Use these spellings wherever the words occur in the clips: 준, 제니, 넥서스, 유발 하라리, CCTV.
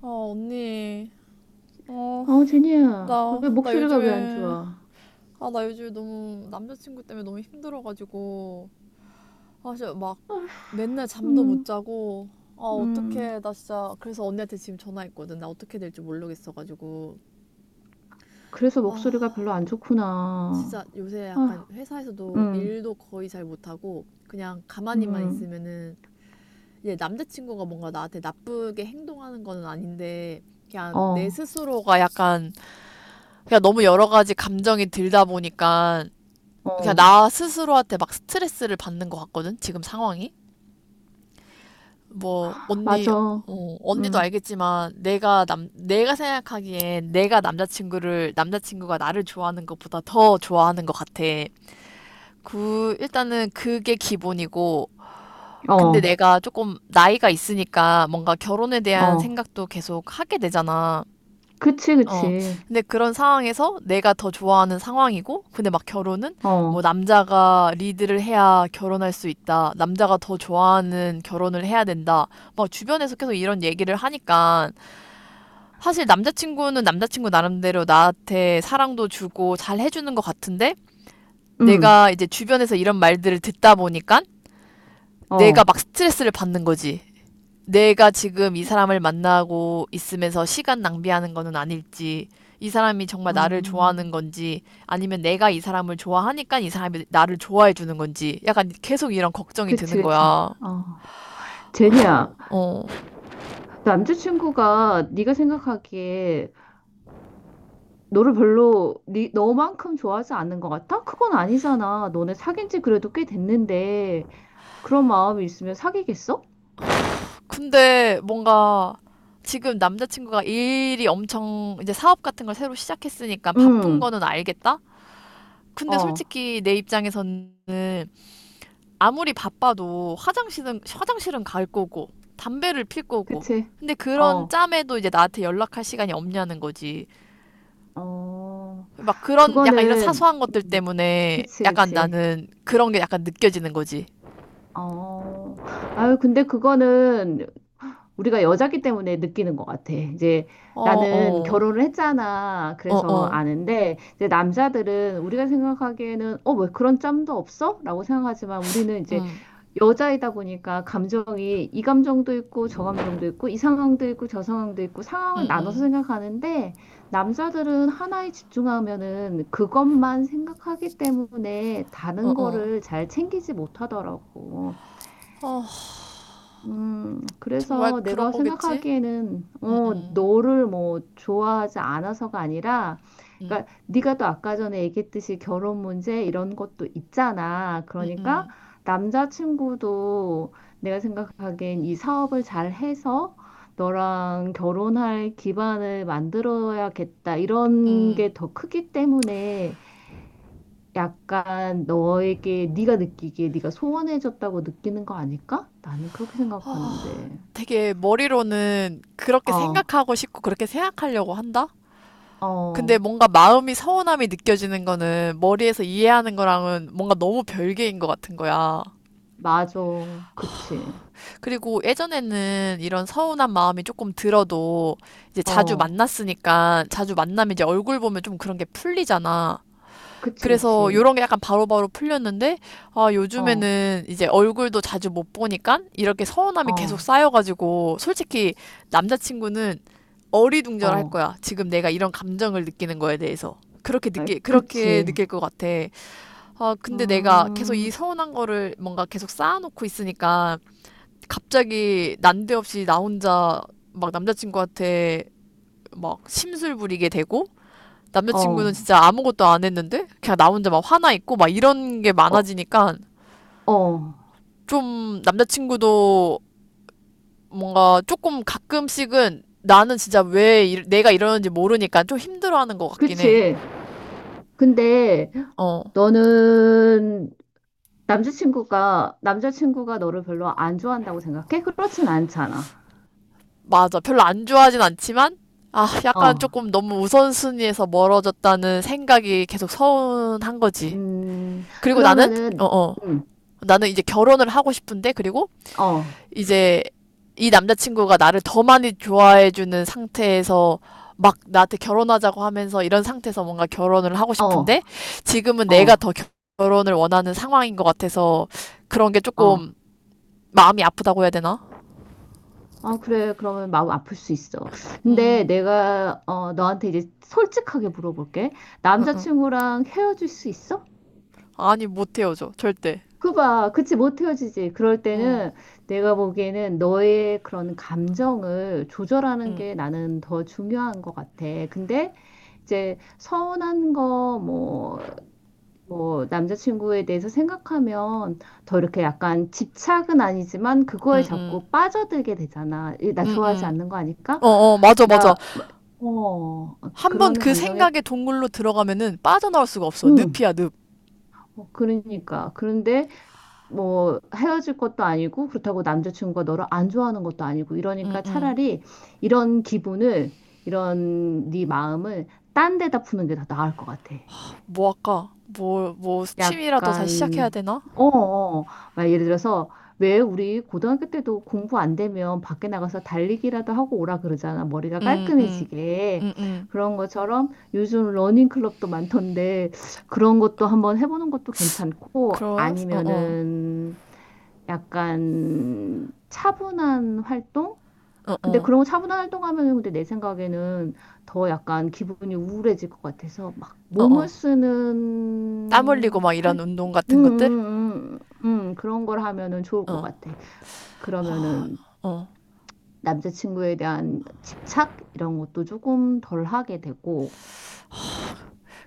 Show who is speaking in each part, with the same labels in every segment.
Speaker 1: 아, 언니. 어,
Speaker 2: 어, 제니야,
Speaker 1: 나,
Speaker 2: 왜
Speaker 1: 나
Speaker 2: 목소리가 왜 안
Speaker 1: 요즘에,
Speaker 2: 좋아?
Speaker 1: 아, 나 요즘에 너무 남자친구 때문에 너무 힘들어가지고, 아, 진짜 막 맨날 잠도
Speaker 2: 음,
Speaker 1: 못 자고, 아,
Speaker 2: 음,
Speaker 1: 어떡해. 나 진짜, 그래서 언니한테 지금 전화했거든. 나 어떻게 될지 모르겠어가지고.
Speaker 2: 그래서 목소리가
Speaker 1: 아,
Speaker 2: 별로 안
Speaker 1: 진짜
Speaker 2: 좋구나.
Speaker 1: 요새 약간
Speaker 2: 아,
Speaker 1: 회사에서도
Speaker 2: 음,
Speaker 1: 일도 거의 잘 못하고, 그냥 가만히만
Speaker 2: 음,
Speaker 1: 있으면은, 이제 남자친구가 뭔가 나한테 나쁘게 행동하는 거는 아닌데, 그냥 내
Speaker 2: 어,
Speaker 1: 스스로가 약간 그냥 너무 여러 가지 감정이 들다 보니까 그냥
Speaker 2: 어,
Speaker 1: 나 스스로한테 막 스트레스를 받는 것 같거든. 지금 상황이, 뭐, 언니,
Speaker 2: 맞아.
Speaker 1: 어, 언니도
Speaker 2: 음,
Speaker 1: 알겠지만 내가 생각하기엔 내가 남자친구를 남자친구가 나를 좋아하는 것보다 더 좋아하는 것 같아. 그 일단은 그게 기본이고, 근데
Speaker 2: 어,
Speaker 1: 내가 조금 나이가 있으니까 뭔가 결혼에 대한
Speaker 2: 어,
Speaker 1: 생각도 계속 하게 되잖아.
Speaker 2: 그치,
Speaker 1: 어,
Speaker 2: 그치.
Speaker 1: 근데 그런 상황에서 내가 더 좋아하는 상황이고, 근데 막 결혼은 뭐
Speaker 2: 어,
Speaker 1: 남자가 리드를 해야 결혼할 수 있다, 남자가 더 좋아하는 결혼을 해야 된다, 막 주변에서 계속 이런 얘기를 하니까, 사실 남자친구는 남자친구 나름대로 나한테 사랑도 주고 잘 해주는 것 같은데,
Speaker 2: 음,
Speaker 1: 내가 이제 주변에서 이런 말들을 듣다 보니까, 내가
Speaker 2: 어,
Speaker 1: 막 스트레스를 받는 거지. 내가 지금 이 사람을 만나고 있으면서 시간 낭비하는 거는 아닐지, 이 사람이 정말 나를 좋아하는
Speaker 2: 음.
Speaker 1: 건지, 아니면 내가 이 사람을 좋아하니까 이 사람이 나를 좋아해 주는 건지, 약간 계속 이런 걱정이
Speaker 2: 그치,
Speaker 1: 드는
Speaker 2: 그치.
Speaker 1: 거야.
Speaker 2: 어, 제니야,
Speaker 1: 어.
Speaker 2: 남자친구가 네가 생각하기에 너를 별로 너만큼 좋아하지 않는 것 같아? 그건 아니잖아. 너네 사귄 지 그래도 꽤 됐는데. 그런 마음이 있으면 사귀겠어?
Speaker 1: 근데 뭔가 지금 남자친구가 일이 엄청, 이제 사업 같은 걸 새로 시작했으니까 바쁜
Speaker 2: 응,
Speaker 1: 거는 알겠다? 근데
Speaker 2: 어,
Speaker 1: 솔직히 내 입장에서는 아무리 바빠도 화장실은 갈 거고 담배를 필 거고,
Speaker 2: 그치.
Speaker 1: 근데 그런
Speaker 2: 어,
Speaker 1: 짬에도 이제 나한테 연락할 시간이 없냐는 거지.
Speaker 2: 어,
Speaker 1: 막 그런 약간 이런
Speaker 2: 그거는,
Speaker 1: 사소한 것들 때문에
Speaker 2: 그치,
Speaker 1: 약간
Speaker 2: 그치.
Speaker 1: 나는 그런 게 약간 느껴지는 거지.
Speaker 2: 어, 아유, 근데 그거는 우리가 여자기 때문에 느끼는 것 같아. 이제
Speaker 1: 어,
Speaker 2: 나는
Speaker 1: 어,
Speaker 2: 결혼을 했잖아.
Speaker 1: 어,
Speaker 2: 그래서
Speaker 1: 어,
Speaker 2: 아는데, 이제 남자들은 우리가 생각하기에는, 어, 왜 그런 짬도 없어? 라고 생각하지만 우리는 이제
Speaker 1: 음,
Speaker 2: 여자이다 보니까 감정이 이 감정도 있고 저 감정도 있고 이 상황도 있고 저 상황도 있고 상황을 나눠서 생각하는데 남자들은 하나에 집중하면은 그것만 생각하기 때문에
Speaker 1: 어,
Speaker 2: 다른
Speaker 1: 어,
Speaker 2: 거를 잘 챙기지 못하더라고.
Speaker 1: 어, 정말
Speaker 2: 그래서 내가
Speaker 1: 그런 거겠지.
Speaker 2: 생각하기에는
Speaker 1: 음,
Speaker 2: 어, 너를 뭐 좋아하지 않아서가 아니라
Speaker 1: 음.
Speaker 2: 그러니까 네가 또 아까 전에 얘기했듯이 결혼 문제 이런 것도 있잖아. 그러니까 남자친구도 내가 생각하기엔 이 사업을 잘 해서 너랑 결혼할 기반을 만들어야겠다. 이런 게 더 크기 때문에 약간 너에게 네가 느끼기에 네가 소원해졌다고 느끼는 거 아닐까? 나는 그렇게 생각하는데.
Speaker 1: 되게 머리로는 그렇게
Speaker 2: 어,
Speaker 1: 생각하고 싶고 그렇게 생각하려고 한다. 근데
Speaker 2: 어,
Speaker 1: 뭔가 마음이 서운함이 느껴지는 거는 머리에서 이해하는 거랑은 뭔가 너무 별개인 것 같은 거야.
Speaker 2: 맞아. 그치.
Speaker 1: 그리고 예전에는 이런 서운한 마음이 조금 들어도 이제 자주
Speaker 2: 어,
Speaker 1: 만났으니까, 자주 만나면 이제 얼굴 보면 좀 그런 게 풀리잖아.
Speaker 2: 그치,
Speaker 1: 그래서
Speaker 2: 그치.
Speaker 1: 요런 게 약간 바로바로 풀렸는데, 아,
Speaker 2: 어,
Speaker 1: 요즘에는 이제 얼굴도 자주 못 보니까 이렇게 서운함이 계속
Speaker 2: 어,
Speaker 1: 쌓여가지고, 솔직히 남자친구는 어리둥절할
Speaker 2: 어,
Speaker 1: 거야. 지금 내가 이런 감정을 느끼는 거에 대해서.
Speaker 2: 에,
Speaker 1: 그렇게
Speaker 2: 그치.
Speaker 1: 느낄 것 같아. 아, 근데 내가 계속 이
Speaker 2: 음,
Speaker 1: 서운한 거를 뭔가 계속 쌓아놓고 있으니까, 갑자기 난데없이 나 혼자 막 남자친구한테 막 심술 부리게 되고,
Speaker 2: 어,
Speaker 1: 남자친구는 진짜 아무것도 안 했는데 그냥 나 혼자 막 화나 있고 막 이런 게
Speaker 2: 어,
Speaker 1: 많아지니까
Speaker 2: 어,
Speaker 1: 좀 남자친구도 뭔가 조금 가끔씩은, 나는 진짜 왜 내가 이러는지 모르니까 좀 힘들어하는 것 같긴 해.
Speaker 2: 그치. 근데
Speaker 1: 어,
Speaker 2: 너는 남자친구가 너를 별로 안 좋아한다고 생각해? 그렇진 않잖아.
Speaker 1: 맞아. 별로 안 좋아하진 않지만, 아,
Speaker 2: 어,
Speaker 1: 약간 조금 너무 우선순위에서 멀어졌다는 생각이 계속 서운한 거지.
Speaker 2: 음,
Speaker 1: 그리고 나는, 어,
Speaker 2: 그러면은,
Speaker 1: 어.
Speaker 2: 음,
Speaker 1: 나는 이제 결혼을 하고 싶은데, 그리고
Speaker 2: 어,
Speaker 1: 이제 이 남자친구가 나를 더 많이 좋아해주는 상태에서 막 나한테 결혼하자고 하면서 이런 상태에서 뭔가 결혼을 하고
Speaker 2: 어,
Speaker 1: 싶은데, 지금은 내가
Speaker 2: 어,
Speaker 1: 더 결혼을 원하는 상황인 것 같아서 그런 게
Speaker 2: 어.
Speaker 1: 조금 마음이 아프다고 해야 되나?
Speaker 2: 아, 그래. 그러면 마음 아플 수 있어. 근데
Speaker 1: 음,
Speaker 2: 내가, 어, 너한테 이제 솔직하게 물어볼게.
Speaker 1: 응, 응.
Speaker 2: 남자친구랑 헤어질 수 있어?
Speaker 1: 아니, 못 헤어져. 절대.
Speaker 2: 그 봐. 그치, 못 헤어지지. 그럴
Speaker 1: 음.
Speaker 2: 때는 내가 보기에는 너의 그런 감정을 조절하는 게 나는 더 중요한 것 같아. 근데 이제 서운한 거, 뭐, 뭐 남자친구에 대해서 생각하면 더 이렇게 약간 집착은 아니지만 그거에 자꾸 빠져들게 되잖아. 이, 나 좋아하지 않는 거 아니까
Speaker 1: 어, 어, 맞아, 맞아.
Speaker 2: 나 어,
Speaker 1: 한 번
Speaker 2: 그런
Speaker 1: 그
Speaker 2: 감정에
Speaker 1: 생각의 동굴로 들어가면은 빠져나올 수가 없어.
Speaker 2: 음.
Speaker 1: 늪이야, 늪.
Speaker 2: 어, 그러니까 그런데 뭐 헤어질 것도 아니고 그렇다고 남자친구가 너를 안 좋아하는 것도 아니고
Speaker 1: 응,
Speaker 2: 이러니까
Speaker 1: 응.
Speaker 2: 차라리 이런 기분을 이런 네 마음을 딴 데다 푸는 게 더 나을 것 같아.
Speaker 1: 뭐 할까? 뭐, 뭐, 취미라도 다시 시작해야
Speaker 2: 약간
Speaker 1: 되나?
Speaker 2: 어, 어. 어. 막 예를 들어서 왜 우리 고등학교 때도 공부 안 되면 밖에 나가서 달리기라도 하고 오라 그러잖아. 머리가
Speaker 1: 응, 응,
Speaker 2: 깔끔해지게.
Speaker 1: 응, 응.
Speaker 2: 그런 것처럼 요즘 러닝 클럽도 많던데 그런 것도 한번 해보는 것도
Speaker 1: 그
Speaker 2: 괜찮고
Speaker 1: 러요 어, 어,
Speaker 2: 아니면은 약간 차분한 활동?
Speaker 1: 어,
Speaker 2: 근데
Speaker 1: 어,
Speaker 2: 그런 거 차분한 활동하면은 근데 내 생각에는 더 약간 기분이 우울해질 것 같아서 막
Speaker 1: 어,
Speaker 2: 몸을
Speaker 1: 어. 땀 흘리고
Speaker 2: 쓰는
Speaker 1: 막 이런 운동
Speaker 2: 음,
Speaker 1: 같은 것들?
Speaker 2: 음, 음, 그런 걸 하면은 좋을 것
Speaker 1: 어,
Speaker 2: 같아. 그러면은
Speaker 1: 어.
Speaker 2: 남자친구에 대한 집착 이런 것도 조금 덜 하게 되고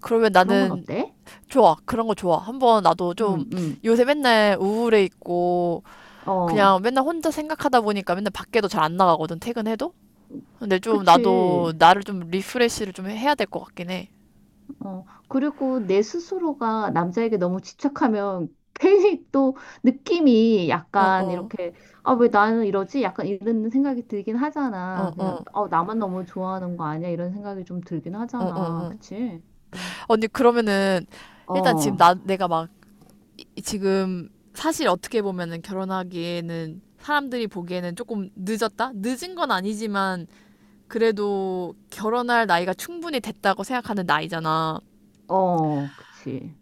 Speaker 1: 그러면
Speaker 2: 그런 건
Speaker 1: 나는
Speaker 2: 어때?
Speaker 1: 좋아. 그런 거 좋아. 한번 나도 좀,
Speaker 2: 음, 음,
Speaker 1: 요새 맨날 우울해 있고
Speaker 2: 어,
Speaker 1: 그냥 맨날 혼자 생각하다 보니까 맨날 밖에도 잘 안 나가거든, 퇴근해도? 근데 좀 나도
Speaker 2: 그치.
Speaker 1: 나를 좀 리프레시를 좀 해야 될 것 같긴 해.
Speaker 2: 어, 그리고 내 스스로가 남자에게 너무 집착하면 괜히 또 느낌이
Speaker 1: 어,
Speaker 2: 약간
Speaker 1: 어,
Speaker 2: 이렇게, 아, 왜 나는 이러지? 약간 이런 생각이 들긴
Speaker 1: 어,
Speaker 2: 하잖아. 그냥,
Speaker 1: 어,
Speaker 2: 어, 나만 너무 좋아하는 거 아니야? 이런 생각이 좀 들긴
Speaker 1: 어, 어,
Speaker 2: 하잖아.
Speaker 1: 어.
Speaker 2: 그치? 음.
Speaker 1: 언니, 그러면은 일단 지금
Speaker 2: 어,
Speaker 1: 나, 내가 막 지금, 사실 어떻게 보면은 결혼하기에는 사람들이 보기에는 조금 늦었다? 늦은 건 아니지만 그래도 결혼할 나이가 충분히 됐다고 생각하는 나이잖아.
Speaker 2: 어, 그치.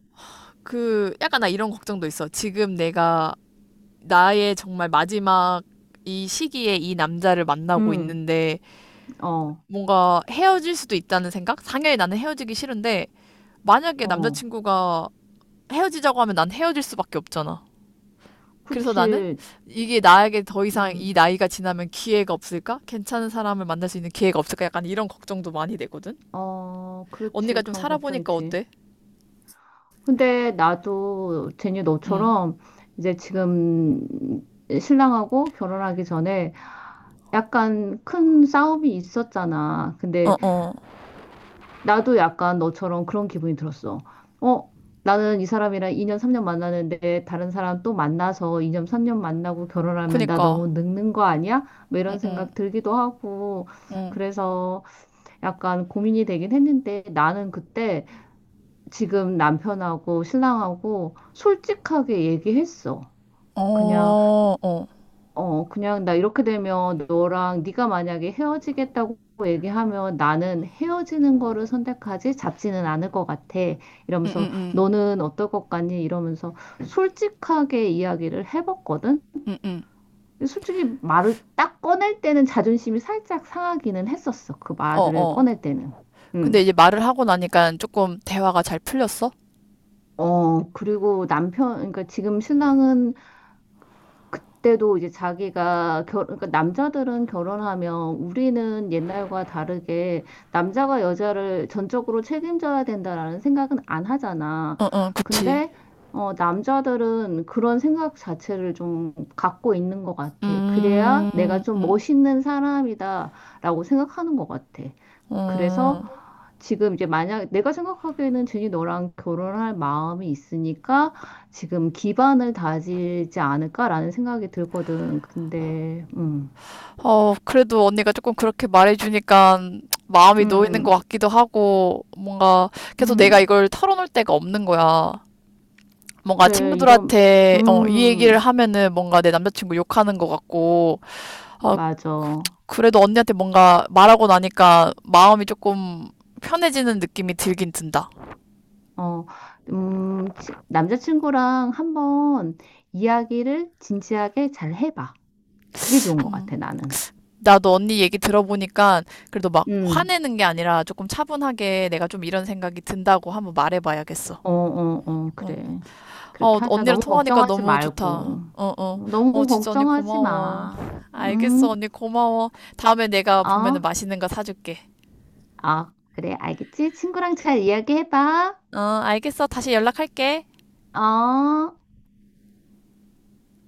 Speaker 1: 그 약간 나 이런 걱정도 있어. 지금 내가, 나의 정말 마지막 이 시기에 이 남자를 만나고
Speaker 2: 음,
Speaker 1: 있는데
Speaker 2: 어,
Speaker 1: 뭔가 헤어질 수도 있다는 생각? 당연히 나는 헤어지기 싫은데 만약에
Speaker 2: 어,
Speaker 1: 남자친구가 헤어지자고 하면 난 헤어질 수밖에 없잖아. 그래서 나는
Speaker 2: 그치.
Speaker 1: 이게 나에게 더 이상 이
Speaker 2: 음,
Speaker 1: 나이가 지나면 기회가 없을까? 괜찮은 사람을 만날 수 있는 기회가 없을까? 약간 이런 걱정도 많이 되거든.
Speaker 2: 어, 그렇지.
Speaker 1: 언니가 좀
Speaker 2: 그런 걱정
Speaker 1: 살아보니까
Speaker 2: 있지.
Speaker 1: 어때?
Speaker 2: 근데 나도 제니 너처럼 이제 지금 신랑하고 결혼하기 전에 약간 큰 싸움이 있었잖아.
Speaker 1: 어,
Speaker 2: 근데
Speaker 1: 어,
Speaker 2: 나도 약간 너처럼 그런 기분이 들었어. 어, 나는 이 사람이랑 2년, 3년 만나는데 다른 사람 또 만나서 2년, 3년 만나고 결혼하면 나
Speaker 1: 그니까.
Speaker 2: 너무 늙는 거 아니야? 뭐 이런 생각 들기도 하고. 그래서 약간 고민이 되긴 했는데 나는 그때 지금 남편하고 신랑하고 솔직하게 얘기했어.
Speaker 1: 어,
Speaker 2: 그냥
Speaker 1: 어,
Speaker 2: 어 그냥 나 이렇게 되면 너랑 네가 만약에 헤어지겠다고 얘기하면 나는 헤어지는 거를 선택하지 잡지는 않을 것 같아. 이러면서 너는 어떨 것 같니? 이러면서 솔직하게 이야기를 해봤거든. 근데 솔직히 말을 딱 꺼낼 때는 자존심이 살짝 상하기는 했었어. 그
Speaker 1: 어,
Speaker 2: 말을
Speaker 1: 어.
Speaker 2: 꺼낼 때는.
Speaker 1: 근데
Speaker 2: 음.
Speaker 1: 이제 말을 하고 나니까 조금 대화가 잘 풀렸어?
Speaker 2: 어, 그리고 남편, 그러니까 지금 신랑은 그때도 이제 자기가 그러니까 남자들은 결혼하면 우리는 옛날과 다르게 남자가 여자를 전적으로 책임져야 된다라는 생각은 안 하잖아.
Speaker 1: 어, 어, 그치.
Speaker 2: 근데 어, 남자들은 그런 생각 자체를 좀 갖고 있는 것 같아. 그래야 내가
Speaker 1: 음,
Speaker 2: 좀 멋있는 사람이다라고 생각하는 것 같아. 그래서
Speaker 1: 음,
Speaker 2: 지금 이제 만약 내가 생각하기에는 준이 너랑 결혼할 마음이 있으니까 지금 기반을 다지지 않을까라는 생각이 들거든. 근데,
Speaker 1: 어, 그래도 언니가 조금 그렇게 말해주니까 마음이 놓이는 것
Speaker 2: 음,
Speaker 1: 같기도 하고, 뭔가 계속 내가
Speaker 2: 음,
Speaker 1: 이걸 털어놓을 데가 없는 거야. 뭔가
Speaker 2: 그래, 이런,
Speaker 1: 친구들한테 어, 이 얘기를
Speaker 2: 음,
Speaker 1: 하면은 뭔가 내 남자친구 욕하는 것 같고. 아,
Speaker 2: 맞아. 어,
Speaker 1: 그래도 언니한테 뭔가 말하고 나니까 마음이 조금 편해지는 느낌이 들긴 든다.
Speaker 2: 남자친구랑 한번 이야기를 진지하게 잘 해봐. 그게 좋은 것
Speaker 1: 음,
Speaker 2: 같아, 나는.
Speaker 1: 나도 언니 얘기 들어보니까 그래도 막
Speaker 2: 음.
Speaker 1: 화내는 게 아니라 조금 차분하게 내가 좀 이런 생각이 든다고 한번 말해봐야겠어.
Speaker 2: 어, 어, 어,
Speaker 1: 어,
Speaker 2: 그래. 그렇게
Speaker 1: 어,
Speaker 2: 하자.
Speaker 1: 언니랑
Speaker 2: 너무
Speaker 1: 통화하니까
Speaker 2: 걱정하지
Speaker 1: 너무 좋다.
Speaker 2: 말고.
Speaker 1: 어, 어, 어,
Speaker 2: 너무
Speaker 1: 진짜 언니
Speaker 2: 걱정하지
Speaker 1: 고마워.
Speaker 2: 마.
Speaker 1: 알겠어,
Speaker 2: 응?
Speaker 1: 언니 고마워. 다음에 내가 보면은
Speaker 2: 어?
Speaker 1: 맛있는 거 사줄게.
Speaker 2: 아 그래. 알겠지? 친구랑 잘 이야기해봐.
Speaker 1: 어, 알겠어. 다시 연락할게.
Speaker 2: 어?